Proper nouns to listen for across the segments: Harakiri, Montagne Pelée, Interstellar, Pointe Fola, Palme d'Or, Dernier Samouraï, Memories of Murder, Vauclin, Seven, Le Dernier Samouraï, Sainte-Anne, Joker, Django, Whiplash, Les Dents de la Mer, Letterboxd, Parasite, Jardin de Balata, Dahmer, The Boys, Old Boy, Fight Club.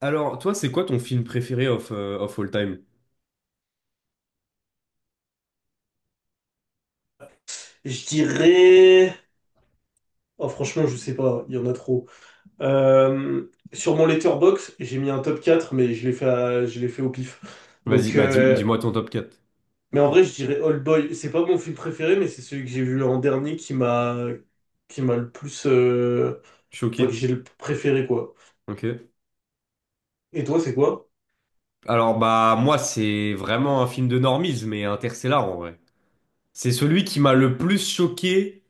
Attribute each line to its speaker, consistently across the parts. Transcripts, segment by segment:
Speaker 1: Alors, toi, c'est quoi ton film préféré of all time?
Speaker 2: Je dirais... Oh, franchement, je sais pas, il y en a trop. Sur mon letterbox, j'ai mis un top 4, mais je l'ai fait au pif.
Speaker 1: Vas-y,
Speaker 2: Donc,
Speaker 1: bah dis,
Speaker 2: euh,
Speaker 1: dis-moi ton top quatre. Au
Speaker 2: mais en
Speaker 1: pire.
Speaker 2: vrai, je dirais Old Boy. C'est pas mon film préféré, mais c'est celui que j'ai vu en dernier qui m'a le plus, enfin, que
Speaker 1: Choqué.
Speaker 2: j'ai le préféré, quoi.
Speaker 1: Ok.
Speaker 2: Et toi, c'est quoi?
Speaker 1: Alors, bah moi, c'est vraiment un film de normies, mais Interstellar en vrai. C'est celui qui m'a le plus choqué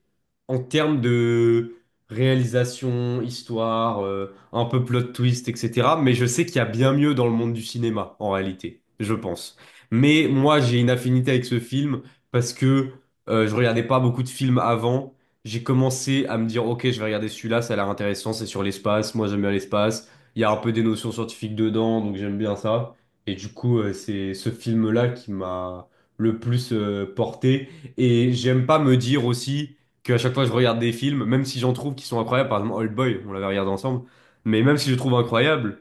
Speaker 1: en termes de réalisation, histoire, un peu plot twist, etc. Mais je sais qu'il y a bien mieux dans le monde du cinéma, en réalité, je pense. Mais moi, j'ai une affinité avec ce film parce que je regardais pas beaucoup de films avant. J'ai commencé à me dire, ok, je vais regarder celui-là, ça a l'air intéressant, c'est sur l'espace, moi j'aime bien l'espace. Il y a un peu des notions scientifiques dedans, donc j'aime bien ça. Et du coup, c'est ce film-là qui m'a le plus porté. Et j'aime pas me dire aussi que à chaque fois je regarde des films, même si j'en trouve qui sont incroyables, par exemple Old Boy, on l'avait regardé ensemble, mais même si je le trouve incroyable,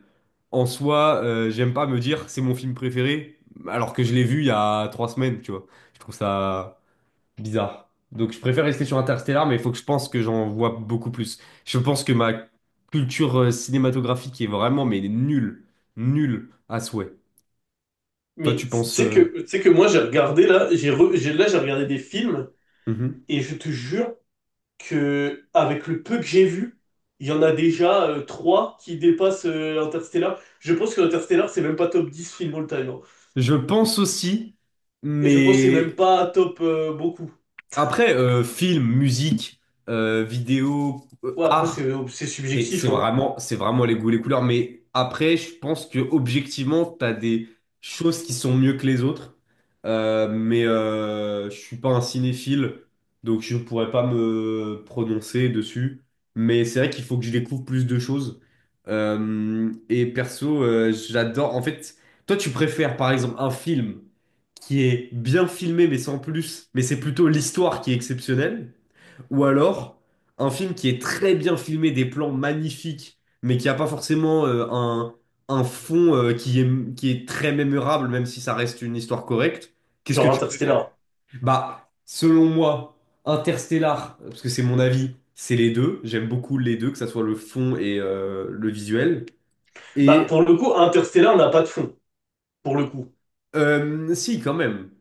Speaker 1: en soi, j'aime pas me dire c'est mon film préféré, alors que je l'ai vu il y a 3 semaines, tu vois. Je trouve ça bizarre. Donc je préfère rester sur Interstellar, mais il faut que je pense que j'en vois beaucoup plus. Je pense que ma culture cinématographique est vraiment, mais nulle, nulle à souhait. Toi, tu
Speaker 2: Mais tu
Speaker 1: penses,
Speaker 2: sais que, tu sais que moi, j'ai regardé là, j'ai regardé des films,
Speaker 1: mhm.
Speaker 2: et je te jure, que avec le peu que j'ai vu, il y en a déjà trois qui dépassent Interstellar. Je pense que Interstellar, c'est même pas top 10 film all time, hein.
Speaker 1: Je pense aussi,
Speaker 2: Et je pense que c'est même
Speaker 1: mais...
Speaker 2: pas top beaucoup.
Speaker 1: Après, film, musique, vidéo,
Speaker 2: Ouais, après,
Speaker 1: art.
Speaker 2: c'est subjectif, hein.
Speaker 1: C'est vraiment les goûts, les couleurs. Mais après, je pense que objectivement, t'as des choses qui sont mieux que les autres. Mais je suis pas un cinéphile, donc je pourrais pas me prononcer dessus. Mais c'est vrai qu'il faut que je découvre plus de choses. Et perso, j'adore. En fait, toi, tu préfères par exemple un film qui est bien filmé, mais sans plus, mais c'est plutôt l'histoire qui est exceptionnelle. Ou alors, un film qui est très bien filmé, des plans magnifiques, mais qui n'a pas forcément un fond qui est très mémorable, même si ça reste une histoire correcte. Qu'est-ce que
Speaker 2: Genre
Speaker 1: tu préfères?
Speaker 2: Interstellar.
Speaker 1: Bah, selon moi, Interstellar, parce que c'est mon avis, c'est les deux. J'aime beaucoup les deux, que ça soit le fond et le visuel.
Speaker 2: Bah, pour
Speaker 1: Et
Speaker 2: le coup, Interstellar n'a pas de fond, pour le coup.
Speaker 1: si, quand même.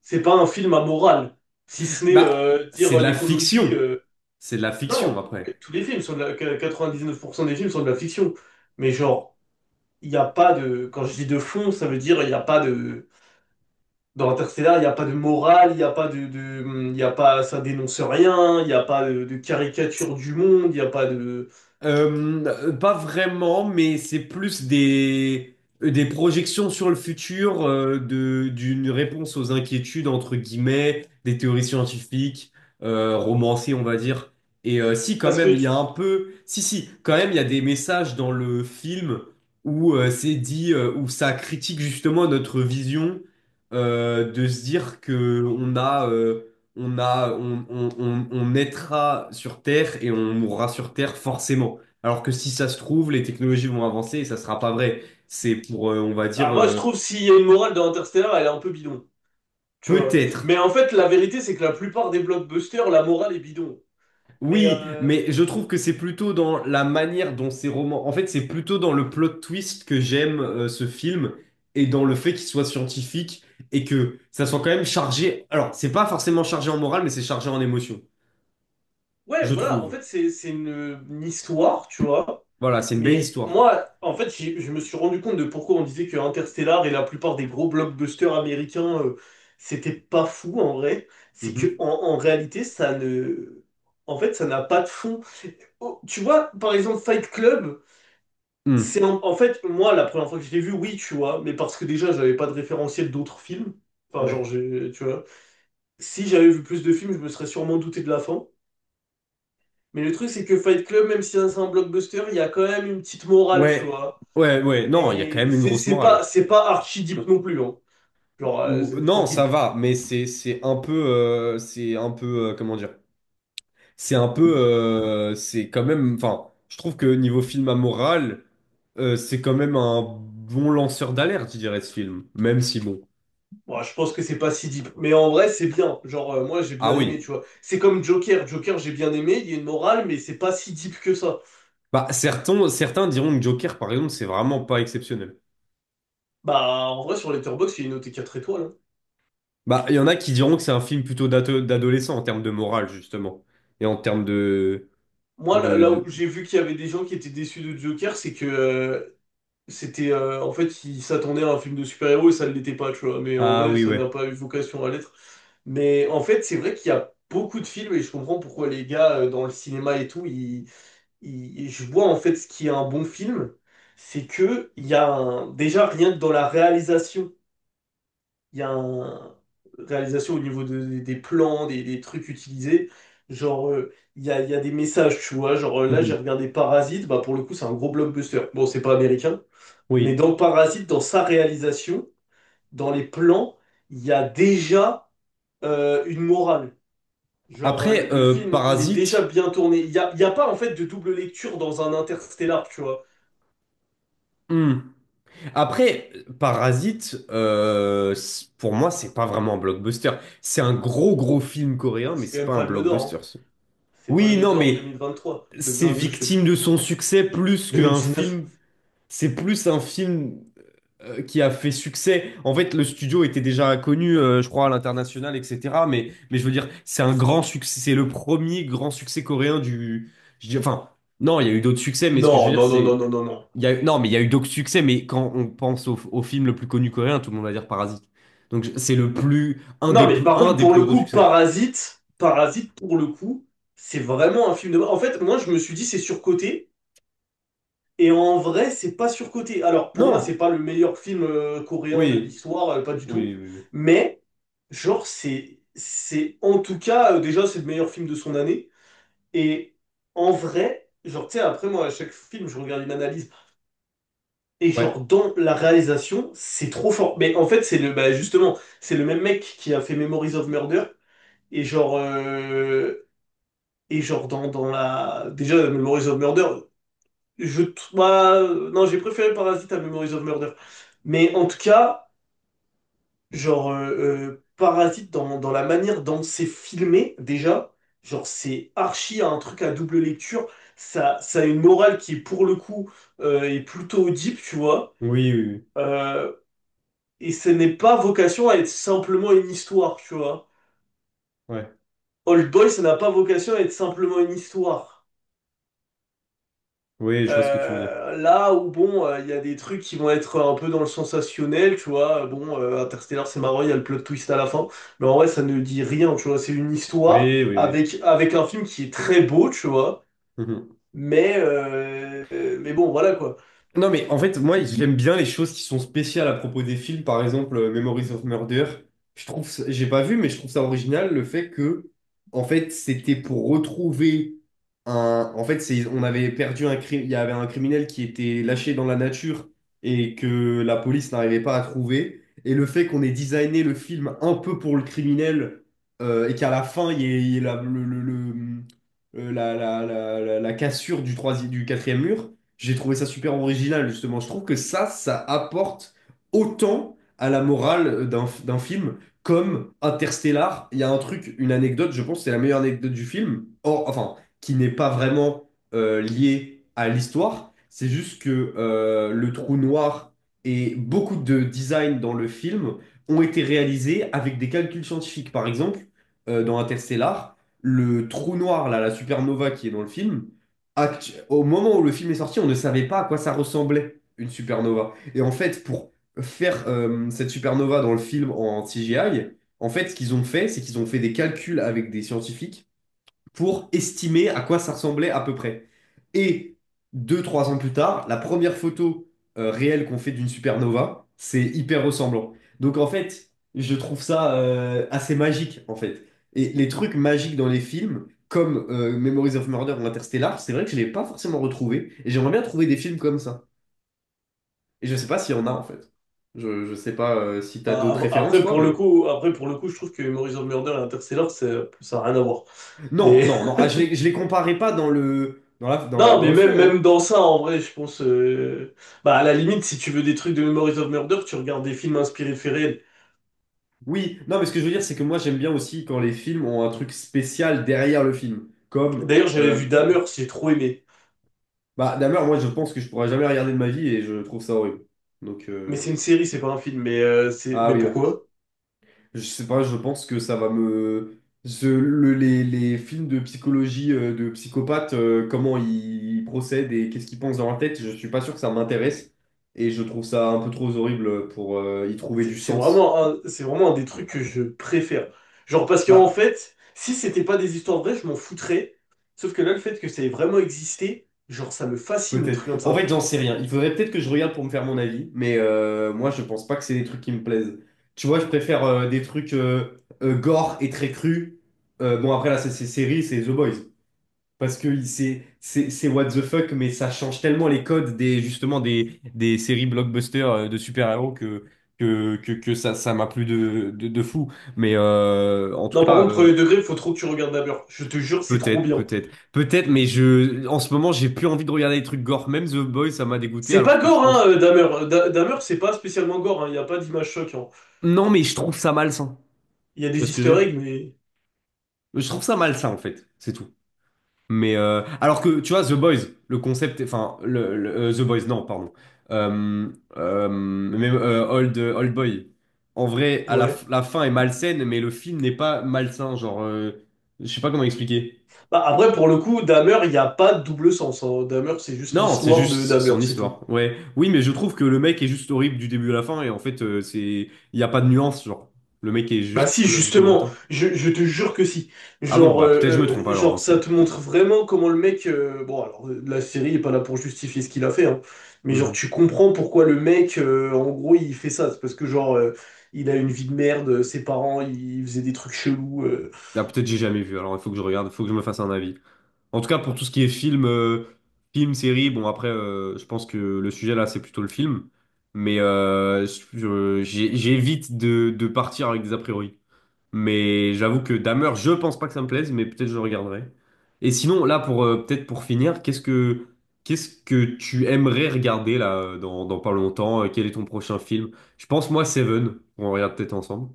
Speaker 2: C'est pas un film à morale, si ce n'est
Speaker 1: Bah, c'est
Speaker 2: dire
Speaker 1: de la
Speaker 2: l'écologie.
Speaker 1: fiction. C'est de la fiction
Speaker 2: Non,
Speaker 1: après.
Speaker 2: tous les films sont de la... que 99% des films sont de la fiction. Mais genre, il n'y a pas de... Quand je dis de fond, ça veut dire il n'y a pas de... Dans Interstellar, il n'y a pas de morale, il n'y a pas il y a pas, ça dénonce rien, il n'y a pas de caricature du monde, il n'y a pas de,
Speaker 1: Pas vraiment, mais c'est plus des, projections sur le futur, d'une réponse aux inquiétudes, entre guillemets, des théories scientifiques, romancées, on va dire. Et si, quand
Speaker 2: parce
Speaker 1: même,
Speaker 2: que,
Speaker 1: il y a un peu... Si, quand même, il y a des messages dans le film où c'est dit, où ça critique justement notre vision, de se dire que on a, on, on naîtra sur Terre et on mourra sur Terre forcément. Alors que si ça se trouve, les technologies vont avancer et ça sera pas vrai. C'est pour, on va
Speaker 2: ah,
Speaker 1: dire,
Speaker 2: moi je trouve s'il y a une morale dans Interstellar, elle est un peu bidon, tu vois.
Speaker 1: peut-être.
Speaker 2: Mais en fait, la vérité, c'est que la plupart des blockbusters, la morale est bidon. Mais
Speaker 1: Oui, mais je trouve que c'est plutôt dans la manière dont ces romans... En fait, c'est plutôt dans le plot twist que j'aime ce film et dans le fait qu'il soit scientifique et que ça soit quand même chargé... Alors, c'est pas forcément chargé en morale, mais c'est chargé en émotion,
Speaker 2: ouais,
Speaker 1: je
Speaker 2: voilà, en
Speaker 1: trouve.
Speaker 2: fait, c'est une histoire, tu vois.
Speaker 1: Voilà, c'est une belle
Speaker 2: Mais
Speaker 1: histoire.
Speaker 2: moi, en fait, je me suis rendu compte de pourquoi on disait que Interstellar et la plupart des gros blockbusters américains, c'était pas fou en vrai.
Speaker 1: Mhm.
Speaker 2: En réalité, ça ne, en fait, ça n'a pas de fond. Oh, tu vois, par exemple, Fight Club,
Speaker 1: Mm.
Speaker 2: en fait moi la première fois que je l'ai vu, oui, tu vois, mais parce que déjà, j'avais pas de référentiel d'autres films. Enfin,
Speaker 1: Ouais.
Speaker 2: tu vois, si j'avais vu plus de films, je me serais sûrement douté de la fin. Mais le truc, c'est que Fight Club, même si c'est un blockbuster, il y a quand même une petite morale, tu
Speaker 1: Ouais,
Speaker 2: vois.
Speaker 1: ouais, ouais, non, il y a quand
Speaker 2: Mais
Speaker 1: même une grosse morale.
Speaker 2: c'est pas archi deep non plus, hein.
Speaker 1: Ou,
Speaker 2: C'est
Speaker 1: non, ça
Speaker 2: tranquille.
Speaker 1: va, mais c'est un peu, c'est un peu, comment dire, c'est un peu, c'est quand même, enfin, je trouve que niveau film à morale, c'est quand même un bon lanceur d'alerte, je dirais, ce film, même si bon.
Speaker 2: Bon, je pense que c'est pas si deep. Mais en vrai, c'est bien. Moi, j'ai
Speaker 1: Ah
Speaker 2: bien aimé, tu
Speaker 1: oui,
Speaker 2: vois. C'est comme Joker. Joker, j'ai bien aimé. Il y a une morale, mais c'est pas si deep que ça.
Speaker 1: bah certains diront que Joker, par exemple, c'est vraiment pas exceptionnel.
Speaker 2: Bah, en vrai, sur Letterboxd, il est noté 4 étoiles, hein.
Speaker 1: Bah, il y en a qui diront que c'est un film plutôt d'adolescent en termes de morale, justement, et en termes
Speaker 2: Moi, là où
Speaker 1: de...
Speaker 2: j'ai vu qu'il y avait des gens qui étaient déçus de Joker, c'est que c'était en fait, il s'attendait à un film de super-héros et ça ne l'était pas, tu vois. Mais en
Speaker 1: Ah
Speaker 2: vrai,
Speaker 1: oui,
Speaker 2: ça
Speaker 1: ouais.
Speaker 2: n'a pas eu vocation à l'être. Mais en fait, c'est vrai qu'il y a beaucoup de films et je comprends pourquoi les gars dans le cinéma et tout, je vois en fait ce qui est un bon film, c'est que il y a un- déjà rien que dans la réalisation, il y a un réalisation au niveau des plans, des trucs utilisés. Il y a, il y a des messages, tu vois. Là, j'ai
Speaker 1: Mhm.
Speaker 2: regardé Parasite, bah pour le coup, c'est un gros blockbuster. Bon, c'est pas américain. Mais
Speaker 1: Oui.
Speaker 2: dans Parasite, dans sa réalisation, dans les plans, il y a déjà une morale.
Speaker 1: Après,
Speaker 2: Le film, il est déjà
Speaker 1: Parasite.
Speaker 2: bien tourné. Il y a pas, en fait, de double lecture dans un Interstellar, tu vois.
Speaker 1: Hmm. Après, Parasite, pour moi, c'est pas vraiment un blockbuster. C'est un gros, gros film
Speaker 2: Ah,
Speaker 1: coréen, mais
Speaker 2: c'est quand
Speaker 1: c'est
Speaker 2: même
Speaker 1: pas un
Speaker 2: Palme d'Or, hein.
Speaker 1: blockbuster, ça.
Speaker 2: C'est
Speaker 1: Oui,
Speaker 2: Palme
Speaker 1: non,
Speaker 2: d'Or
Speaker 1: mais
Speaker 2: 2023,
Speaker 1: c'est
Speaker 2: 2022, je sais
Speaker 1: victime
Speaker 2: plus.
Speaker 1: de son succès plus qu'un
Speaker 2: 2019.
Speaker 1: film. C'est plus un film qui a fait succès. En fait, le studio était déjà connu, je crois, à l'international, etc. Mais je veux dire, c'est un grand succès. C'est le premier grand succès coréen du. Enfin, non, il y a eu d'autres succès, mais ce que je veux
Speaker 2: Non,
Speaker 1: dire,
Speaker 2: non, non, non,
Speaker 1: c'est.
Speaker 2: non, non, non.
Speaker 1: Il y a, eu- Non, mais il y a eu d'autres succès, mais quand on pense au film le plus connu coréen, tout le monde va dire Parasite. Donc c'est le plus, un des
Speaker 2: Non, mais
Speaker 1: plus,
Speaker 2: par
Speaker 1: un
Speaker 2: contre,
Speaker 1: des
Speaker 2: pour
Speaker 1: plus
Speaker 2: le
Speaker 1: gros
Speaker 2: coup,
Speaker 1: succès.
Speaker 2: Parasite, pour le coup, c'est vraiment un film de... En fait, moi, je me suis dit, c'est surcoté. Et en vrai, c'est pas surcoté. Alors, pour moi,
Speaker 1: Non!
Speaker 2: c'est pas le meilleur film coréen de
Speaker 1: Oui,
Speaker 2: l'histoire, pas du
Speaker 1: oui,
Speaker 2: tout.
Speaker 1: oui, oui.
Speaker 2: Mais, genre, en tout cas, déjà, c'est le meilleur film de son année. Et en vrai, genre, tu sais, après, moi, à chaque film, je regarde une analyse. Et
Speaker 1: Ouais,
Speaker 2: genre, dans la réalisation, c'est trop fort. Mais en fait, c'est bah, justement, c'est le même mec qui a fait Memories of Murder. Et déjà, Memories of Murder, non, j'ai préféré Parasite à Memories of Murder. Mais en tout cas, Parasite, dans la manière dont c'est filmé, déjà, genre, c'est archi un truc à double lecture. Ça a une morale qui, pour le coup, est plutôt deep, tu vois.
Speaker 1: oui, oui, oui.
Speaker 2: Euh, et ce n'est pas vocation à être simplement une histoire, tu vois.
Speaker 1: Ouais,
Speaker 2: Old Boy, ça n'a pas vocation à être simplement une histoire.
Speaker 1: oui, je vois ce que tu veux dire.
Speaker 2: Là où bon, il y a des trucs qui vont être un peu dans le sensationnel, tu vois. Interstellar, c'est marrant, il y a le plot twist à la fin, mais en vrai, ça ne dit rien, tu vois. C'est une histoire
Speaker 1: Oui, oui, oui.
Speaker 2: avec un film qui est très beau, tu vois.
Speaker 1: Mhm.
Speaker 2: Mais bon, voilà quoi.
Speaker 1: Non, mais en fait, moi, j'aime bien les choses qui sont spéciales à propos des films. Par exemple, Memories of Murder. Je trouve, j'ai pas vu, mais je trouve ça original le fait que, en fait, c'était pour retrouver un. En fait, c'est, on avait perdu un crime. Il y avait un criminel qui était lâché dans la nature et que la police n'arrivait pas à trouver. Et le fait qu'on ait designé le film un peu pour le criminel et qu'à la fin, il y ait la, le- la cassure du troisième, du quatrième mur. J'ai trouvé ça super original, justement. Je trouve que ça apporte autant à la morale d'un film comme Interstellar. Il y a un truc, une anecdote, je pense que c'est la meilleure anecdote du film, or, enfin, qui n'est pas vraiment liée à l'histoire. C'est juste que le trou noir et beaucoup de design dans le film ont été réalisés avec des calculs scientifiques. Par exemple, dans Interstellar, le trou noir, là, la supernova qui est dans le film, au moment où le film est sorti, on ne savait pas à quoi ça ressemblait, une supernova. Et en fait, pour faire cette supernova dans le film en CGI, en fait, ce qu'ils ont fait, c'est qu'ils ont fait des calculs avec des scientifiques pour estimer à quoi ça ressemblait à peu près. Et 2, 3 ans plus tard, la première photo réelle qu'on fait d'une supernova, c'est hyper ressemblant. Donc en fait, je trouve ça assez magique en fait. Et les trucs magiques dans les films, comme Memories of Murder ou Interstellar, c'est vrai que je ne l'ai pas forcément retrouvé. Et j'aimerais bien trouver des films comme ça. Et je ne sais pas s'il y en a en fait. Je sais pas si t'as
Speaker 2: Bah,
Speaker 1: d'autres références,
Speaker 2: après
Speaker 1: toi,
Speaker 2: pour le
Speaker 1: mais...
Speaker 2: coup, après pour le coup, je trouve que Memories of Murder et Interstellar, ça a rien à voir. Mais
Speaker 1: Non, non, non, ah, je les comparais pas dans le, dans la, dans la,
Speaker 2: non,
Speaker 1: dans
Speaker 2: mais
Speaker 1: le
Speaker 2: même
Speaker 1: fond, hein.
Speaker 2: même dans ça, en vrai, je pense. Bah à la limite, si tu veux des trucs de Memories of Murder, tu regardes des films inspirés de faits réels.
Speaker 1: Oui, non, mais ce que je veux dire, c'est que moi, j'aime bien aussi quand les films ont un truc spécial derrière le film. Comme,
Speaker 2: D'ailleurs, j'avais vu Dahmer, j'ai trop aimé.
Speaker 1: bah, Dahmer, moi, je pense que je pourrais jamais regarder de ma vie et je trouve ça horrible. Donc,
Speaker 2: Mais c'est une
Speaker 1: ouais.
Speaker 2: série, c'est pas un film. C'est...
Speaker 1: Ah
Speaker 2: mais
Speaker 1: oui, ouais.
Speaker 2: pourquoi?
Speaker 1: Je sais pas, je pense que ça va me. Les films de psychologie de psychopathes, comment ils procèdent et qu'est-ce qu'ils pensent dans leur tête, je suis pas sûr que ça m'intéresse. Et je trouve ça un peu trop horrible pour y trouver
Speaker 2: C'est
Speaker 1: du
Speaker 2: c'est
Speaker 1: sens.
Speaker 2: vraiment un... c'est vraiment un des trucs que je préfère. Genre, parce qu'en
Speaker 1: Bah,
Speaker 2: fait, si c'était pas des histoires vraies, je m'en foutrais. Sauf que là, le fait que ça ait vraiment existé, genre, ça me fascine, les
Speaker 1: peut-être.
Speaker 2: trucs comme
Speaker 1: En
Speaker 2: ça.
Speaker 1: fait, j'en sais rien. Il faudrait peut-être que je regarde pour me faire mon avis, mais moi, je pense pas que c'est des trucs qui me plaisent. Tu vois, je préfère des trucs gore et très crus. Bon, après, là, c'est série, c'est The Boys. Parce que c'est what the fuck, mais ça change tellement les codes des justement des séries blockbusters de super-héros que, ça m'a plu de fou. Mais en tout
Speaker 2: Non, par
Speaker 1: cas.
Speaker 2: contre, premier degré, faut trop que tu regardes Dahmer. Je te jure, c'est trop
Speaker 1: Peut-être,
Speaker 2: bien.
Speaker 1: peut-être, peut-être, mais en ce moment, j'ai plus envie de regarder des trucs gore. Même The Boys, ça m'a dégoûté,
Speaker 2: C'est pas
Speaker 1: alors que je
Speaker 2: gore, hein,
Speaker 1: pense.
Speaker 2: Dahmer. Dahmer, c'est pas spécialement gore, hein. Il y a pas d'image choc, hein.
Speaker 1: Non, mais je trouve ça malsain.
Speaker 2: Il y a
Speaker 1: Tu vois
Speaker 2: des
Speaker 1: ce que je
Speaker 2: easter
Speaker 1: veux dire?
Speaker 2: eggs, mais...
Speaker 1: Je trouve ça malsain, en fait, c'est tout. Mais alors que, tu vois, The Boys, le concept, enfin, The Boys, non, pardon. Euh, Même Old Boy. En vrai, à la,
Speaker 2: Ouais.
Speaker 1: f- la fin est malsaine, mais le film n'est pas malsain. Genre, je sais pas comment expliquer.
Speaker 2: Bah, après, pour le coup, Dahmer, il n'y a pas de double sens, hein. Dahmer, c'est juste
Speaker 1: Non, c'est
Speaker 2: l'histoire de
Speaker 1: juste
Speaker 2: Dahmer,
Speaker 1: son
Speaker 2: c'est tout.
Speaker 1: histoire. Ouais. Oui, mais je trouve que le mec est juste horrible du début à la fin et en fait, c'est il y a pas de nuance, genre. Le mec est
Speaker 2: Bah
Speaker 1: juste
Speaker 2: si,
Speaker 1: psychologiquement
Speaker 2: justement,
Speaker 1: atteint.
Speaker 2: je te jure que si.
Speaker 1: Ah bon, bah peut-être je me trompe alors dans ce cas.
Speaker 2: Ça te montre vraiment comment le mec... La série est pas là pour justifier ce qu'il a fait, hein. Mais genre,
Speaker 1: Mhm.
Speaker 2: tu comprends pourquoi le mec, en gros, il fait ça. C'est parce que, il a une vie de merde, ses parents, ils faisaient des trucs chelous.
Speaker 1: Ah peut-être j'ai jamais vu, alors il faut que je regarde, il faut que je me fasse un avis. En tout cas, pour tout ce qui est film, film, série, bon après, je pense que le sujet là, c'est plutôt le film. Mais j'évite de partir avec des a priori. Mais j'avoue que Dahmer, je pense pas que ça me plaise, mais peut-être je le regarderai. Et sinon, là, pour peut-être pour finir, qu'est-ce que tu aimerais regarder là dans pas longtemps? Quel est ton prochain film? Je pense moi Seven. On regarde peut-être ensemble.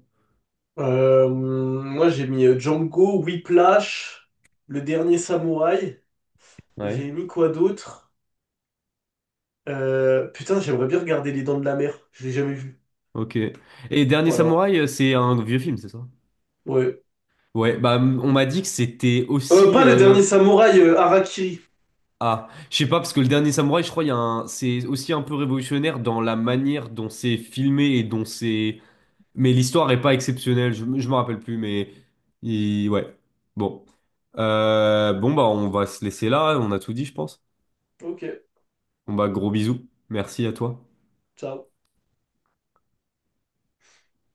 Speaker 2: Moi, j'ai mis Django, Whiplash, Le Dernier Samouraï, et
Speaker 1: Ouais.
Speaker 2: j'ai mis quoi d'autre? Putain, j'aimerais bien regarder Les Dents de la Mer. Je l'ai jamais vu.
Speaker 1: Ok. Et Dernier
Speaker 2: Voilà.
Speaker 1: Samouraï, c'est un vieux film, c'est ça?
Speaker 2: Ouais.
Speaker 1: Ouais. Bah, on m'a dit que c'était aussi.
Speaker 2: Pas le dernier samouraï, Harakiri.
Speaker 1: Ah, je sais pas parce que le Dernier Samouraï, je crois, il y a un... c'est aussi un peu révolutionnaire dans la manière dont c'est filmé et dont c'est Mais l'histoire est pas exceptionnelle, je me rappelle plus, mais ouais. Bon. Bon, bah, on va se laisser là, on a tout dit, je pense.
Speaker 2: Ok,
Speaker 1: Bon, bah, gros bisous. Merci à toi.
Speaker 2: ciao.